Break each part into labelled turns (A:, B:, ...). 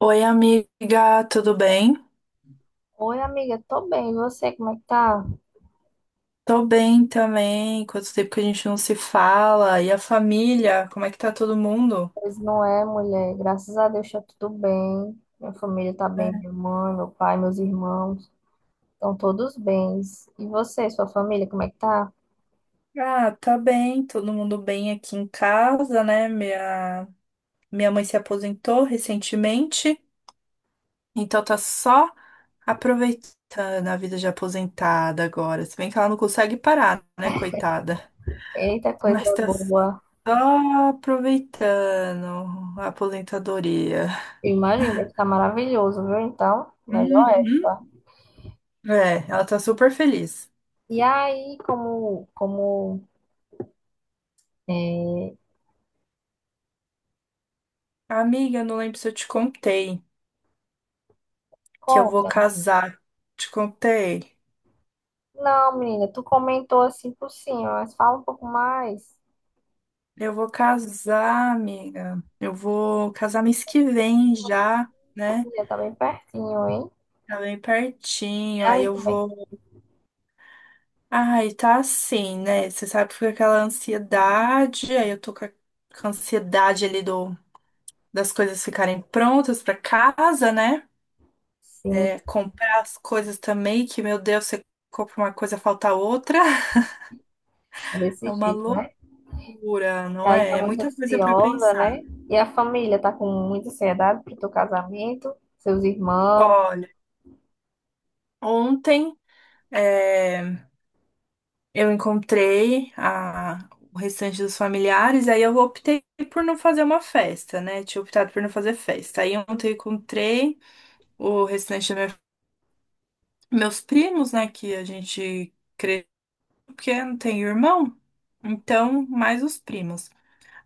A: Oi, amiga, tudo bem?
B: Oi, amiga, tô bem. E você, como é que tá?
A: Tô bem também. Quanto tempo que a gente não se fala? E a família? Como é que tá todo mundo?
B: Pois não é, mulher. Graças a Deus tá tudo bem. Minha família tá bem,
A: É.
B: minha mãe, meu pai, meus irmãos, estão todos bens. E você, sua família, como é que tá?
A: Ah, tá bem, todo mundo bem aqui em casa, né? Minha mãe se aposentou recentemente, então tá só aproveitando a vida de aposentada agora. Se bem que ela não consegue parar, né, coitada?
B: Eita,
A: Mas
B: coisa
A: tá
B: boa.
A: só aproveitando a aposentadoria.
B: Eu imagino, deve tá maravilhoso, viu? Então, melhor
A: Uhum.
B: época.
A: É, ela tá super feliz.
B: E aí, é,
A: Amiga, eu não lembro se eu te contei que eu vou
B: conta?
A: casar. Te contei?
B: Não, menina, tu comentou assim por cima, mas fala um pouco mais.
A: Eu vou casar, amiga. Eu vou casar mês que vem já,
B: Minha
A: né?
B: família tá bem pertinho, hein?
A: Tá bem
B: E
A: pertinho. Aí
B: aí,
A: eu
B: como é que... tá?
A: vou. Ai, tá assim, né? Você sabe que fica aquela ansiedade. Aí eu tô com a ansiedade ali do das coisas ficarem prontas pra casa, né?
B: Sim.
A: É, comprar as coisas também, que, meu Deus, você compra uma coisa, falta outra.
B: É desse
A: É uma
B: jeito, né?
A: loucura. Pura,
B: E
A: não
B: aí tá
A: é? É
B: muito
A: muita coisa para
B: ansiosa, né?
A: pensar.
B: E a família tá com muita ansiedade pro teu casamento, seus irmãos.
A: Olha, ontem eh, eu encontrei o restante dos familiares, aí eu optei por não fazer uma festa, né? Tinha optado por não fazer festa. Aí ontem eu encontrei o restante dos meus primos, né? Que a gente cresceu, porque não tem irmão, então mais os primos.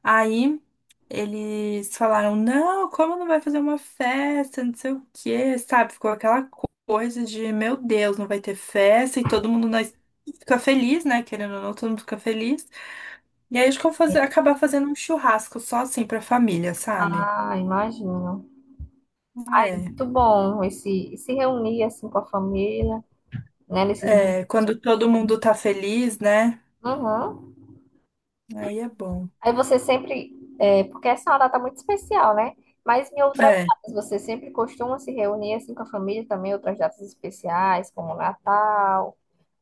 A: Aí eles falaram: não, como não vai fazer uma festa, não sei o quê, sabe? Ficou aquela coisa de: meu Deus, não vai ter festa e todo mundo nós fica feliz, né? Querendo ou não, todo mundo fica feliz. E aí a gente ficou acabar fazendo um churrasco só assim pra família, sabe?
B: Ah, imagino. Ah, é
A: É,
B: muito bom esse se reunir assim com a família, né? Nesses momentos.
A: é, quando todo mundo tá feliz, né?
B: Uhum.
A: Aí é bom.
B: Aí você sempre, é, porque essa é uma data muito especial, né? Mas em outras
A: É,
B: datas, você sempre costuma se reunir assim com a família também, outras datas especiais, como Natal,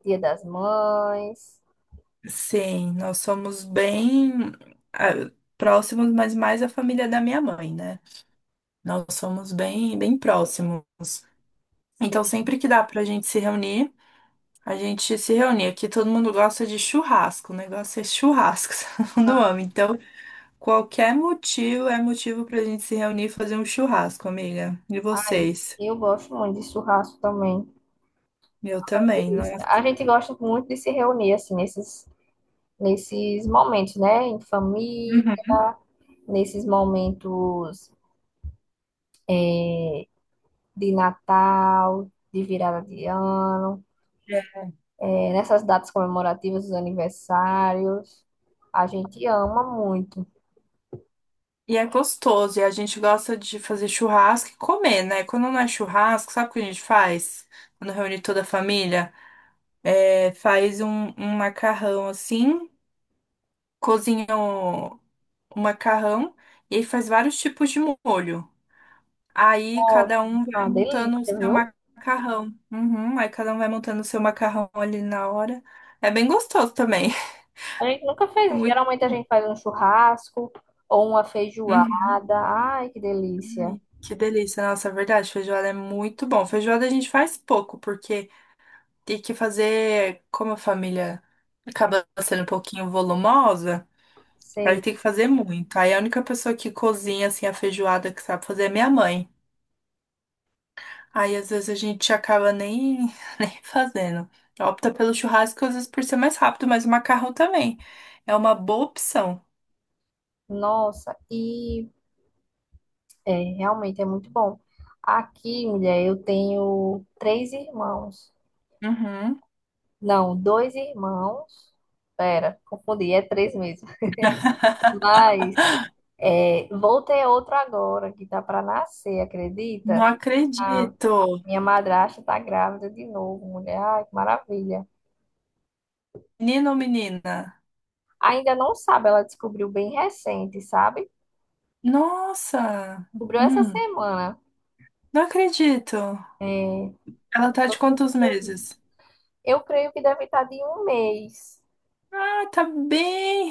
B: Dia das Mães.
A: sim, nós somos bem ah, próximos, mas mais a família da minha mãe, né? Nós somos bem próximos. Então, sempre que dá pra gente se reunir, a gente se reúne. Aqui todo mundo gosta de churrasco, o negócio é churrasco, todo mundo ama. Então, qualquer motivo é motivo pra gente se reunir e fazer um churrasco, amiga. E
B: Ai,
A: vocês?
B: eu gosto muito de churrasco também.
A: Eu
B: É
A: também, não é?
B: delícia. A gente gosta muito de se reunir assim nesses momentos, né? Em família,
A: Uhum.
B: nesses momentos é, de Natal, de virada de ano,
A: É.
B: é, nessas datas comemorativas, dos aniversários. A gente ama muito.
A: E é gostoso, e a gente gosta de fazer churrasco e comer, né? Quando não é churrasco, sabe o que a gente faz? Quando reúne toda a família? É, faz um macarrão assim. Cozinha o macarrão e aí faz vários tipos de molho. Aí
B: Nossa,
A: cada um
B: é
A: vai
B: uma
A: montando o
B: delícia,
A: seu
B: viu?
A: macarrão. Uhum, aí cada um vai montando o seu macarrão ali na hora. É bem gostoso também.
B: A gente nunca
A: É
B: fez.
A: muito...
B: Geralmente a gente faz um churrasco ou uma feijoada.
A: Uhum,
B: Ai, que delícia.
A: ai, que delícia, nossa, é verdade, feijoada é muito bom. Feijoada a gente faz pouco, porque tem que fazer, como a família acaba sendo um pouquinho volumosa, aí
B: Sei.
A: tem que fazer muito. Aí a única pessoa que cozinha assim a feijoada que sabe fazer é minha mãe. Aí às vezes a gente acaba nem, nem fazendo. Opta pelo churrasco, às vezes por ser mais rápido, mas o macarrão também. É uma boa opção.
B: Nossa, e É, realmente é muito bom. Aqui, mulher, eu tenho três irmãos.
A: Uhum.
B: Não, dois irmãos. Pera, confundi, é três mesmo. Mas é, vou ter outro agora, que tá para nascer,
A: Não
B: acredita? A
A: acredito.
B: minha madrasta tá grávida de novo, mulher. Ai, que maravilha.
A: Menino ou menina?
B: Ainda não sabe, ela descobriu bem recente, sabe?
A: Nossa!
B: Descobriu essa
A: Hum,
B: semana.
A: não acredito. Ela tá de
B: Todo mundo-
A: quantos meses?
B: Eu creio que deve estar de um mês.
A: Ah, tá bem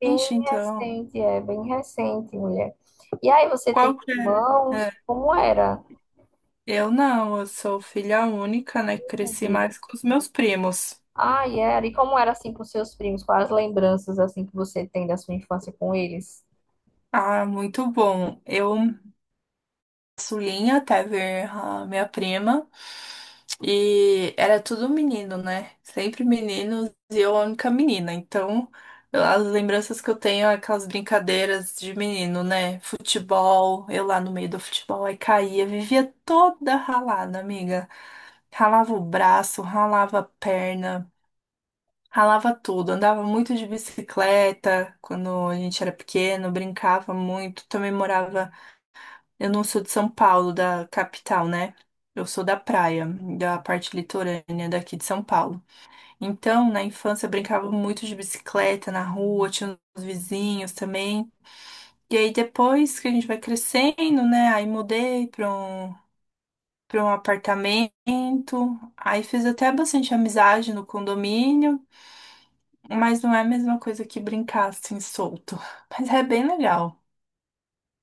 B: Bem
A: então.
B: recente, é bem recente, mulher. E aí, você tem
A: Qual que é?
B: irmãos?
A: É,
B: Como era?
A: eu não, eu sou filha única, né? Cresci mais com os meus primos.
B: Ai, era. E como era assim com seus primos? Quais as lembranças assim que você tem da sua infância com eles?
A: Ah, muito bom. Eu Sulinha até ver a minha prima. E era tudo menino, né? Sempre meninos e eu a única menina. Então, as lembranças que eu tenho é aquelas brincadeiras de menino, né? Futebol, eu lá no meio do futebol, aí caía, vivia toda ralada, amiga. Ralava o braço, ralava a perna, ralava tudo. Andava muito de bicicleta quando a gente era pequeno, brincava muito. Também morava eu não sou de São Paulo, da capital, né? Eu sou da praia, da parte litorânea daqui de São Paulo. Então, na infância, eu brincava muito de bicicleta na rua, tinha os vizinhos também. E aí, depois que a gente vai crescendo, né? Aí mudei para um apartamento. Aí fiz até bastante amizade no condomínio, mas não é a mesma coisa que brincar assim solto. Mas é bem legal.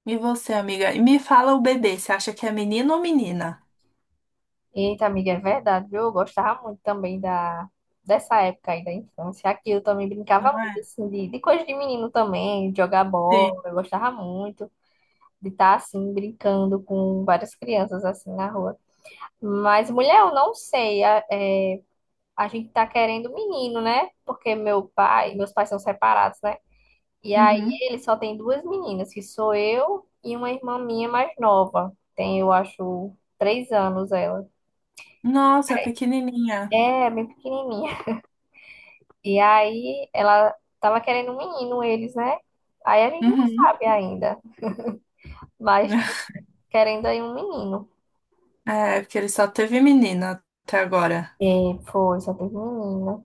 A: E você, amiga? E me fala o bebê, você acha que é menino ou menina?
B: Eita, amiga, é verdade, viu? Eu gostava muito também da dessa época aí da infância. Aqui eu também brincava
A: Não é?
B: muito assim, de coisa de menino também, de jogar
A: Sim.
B: bola. Eu gostava muito de estar assim brincando com várias crianças assim na rua. Mas mulher, eu não sei. É, a gente tá querendo menino, né? Porque meu pai, meus pais são separados, né? E aí
A: Uhum.
B: ele só tem duas meninas, que sou eu e uma irmã minha mais nova. Tem, eu acho, três anos ela.
A: Nossa, pequenininha.
B: É, bem pequenininha. E aí ela tava querendo um menino, eles, né? Aí a gente não
A: Uhum.
B: sabe ainda, mas estamos querendo aí um menino.
A: É, porque ele só teve menina até agora.
B: E foi, só teve menina.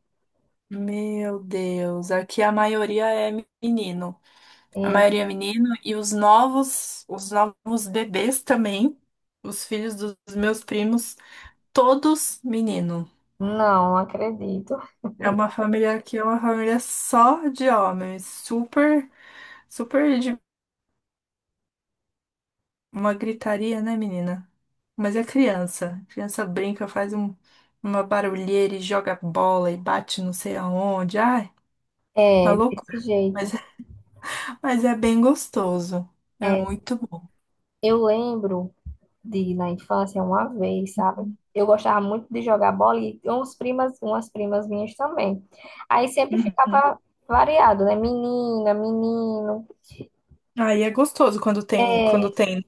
A: Meu Deus, aqui a maioria é menino. A
B: E
A: maioria é menino e os novos bebês também, os filhos dos meus primos, todos menino.
B: não acredito.
A: É uma família aqui, é uma família só de homens, super, uma gritaria, né, menina? Mas é criança. Criança brinca, uma barulheira e joga bola e bate não sei aonde. Ai, uma
B: É,
A: loucura.
B: desse
A: Mas,
B: jeito.
A: é, mas é bem gostoso. É
B: É,
A: muito bom.
B: eu lembro de na infância uma vez, sabe? Eu gostava muito de jogar bola e uns primas, umas primas minhas também. Aí sempre
A: Uhum.
B: ficava variado, né? Menina, menino.
A: Aí é gostoso quando tem, quando
B: É,
A: tem. né?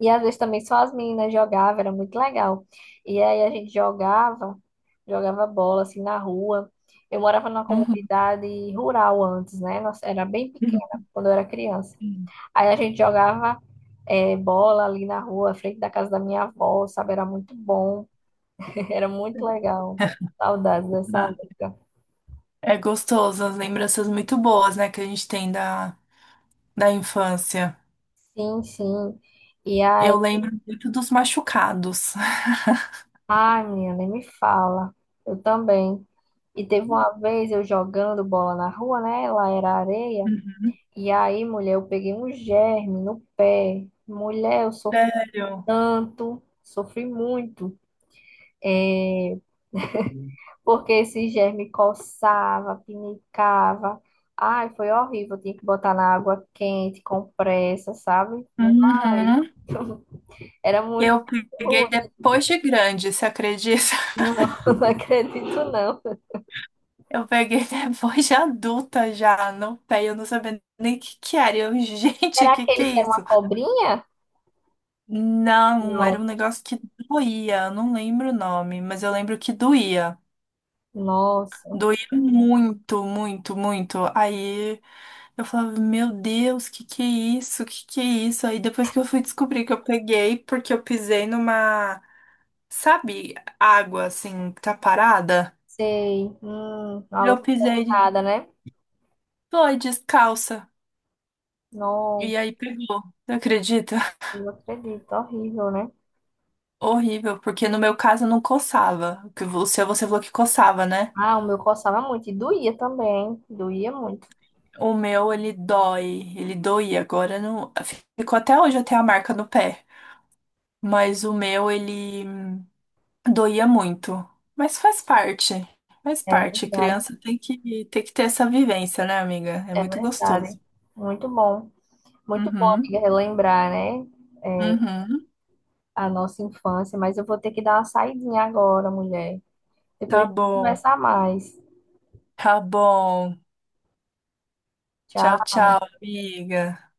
B: e às vezes também só as meninas jogavam, era muito legal. E aí a gente jogava, jogava bola assim na rua. Eu morava numa
A: Uhum.
B: comunidade rural antes, né? Nossa, era bem pequena quando eu era criança.
A: Uhum.
B: Aí a gente jogava é, bola ali na rua, à frente da casa da minha avó, sabe? Era muito bom. Era muito legal. Saudades dessa
A: Ah,
B: época.
A: é gostoso, as lembranças muito boas, né, que a gente tem da infância.
B: Sim, sim. E aí,
A: Eu lembro muito dos machucados.
B: ai, menina, nem me fala. Eu também. E teve uma vez eu jogando bola na rua, né? Lá era areia. E aí, mulher, eu peguei um germe no pé. Mulher, eu sofri
A: Sério?
B: tanto, sofri muito. É, porque esse germe coçava, pinicava. Ai, foi horrível. Eu tinha que botar na água quente, compressa, sabe? Ai.
A: Uhum.
B: Era muito
A: Eu peguei
B: rude.
A: depois de grande, você acredita?
B: Não, não acredito, não.
A: Eu peguei depois de adulta já, no pé, eu não sabia nem o que que era. Eu, gente,
B: Era
A: o que que
B: aquele
A: é
B: que era uma
A: isso?
B: cobrinha?
A: Não, era
B: Não.
A: um negócio que doía, eu não lembro o nome, mas eu lembro que doía.
B: Nossa,
A: Doía muito. Aí eu falava, meu Deus, que é isso? Que é isso? Aí depois que eu fui descobrir que eu peguei, porque eu pisei numa, sabe, água assim, que tá parada.
B: sei.
A: Eu
B: Água
A: pisei
B: contaminada, né?
A: foi descalça.
B: Nossa,
A: E aí pegou. Não acredita?
B: não acredito. Horrível, né?
A: Horrível, porque no meu caso não coçava. O seu você falou que coçava, né?
B: Ah, o meu coçava muito e doía também. Doía muito.
A: O meu, ele dói. Ele doía. Agora não. Ficou até hoje, eu tenho a marca no pé. Mas o meu, ele doía muito. Mas faz parte. Faz
B: É
A: parte.
B: verdade.
A: Criança tem tem que ter essa vivência, né, amiga? É
B: É
A: muito
B: verdade.
A: gostoso.
B: Muito bom. Muito bom,
A: Uhum.
B: amiga, relembrar, né? É,
A: Uhum.
B: a nossa infância. Mas eu vou ter que dar uma saidinha agora, mulher. Depois a
A: Tá
B: gente
A: bom.
B: conversa mais.
A: Tá bom. Tchau,
B: Tchau.
A: tchau, amiga.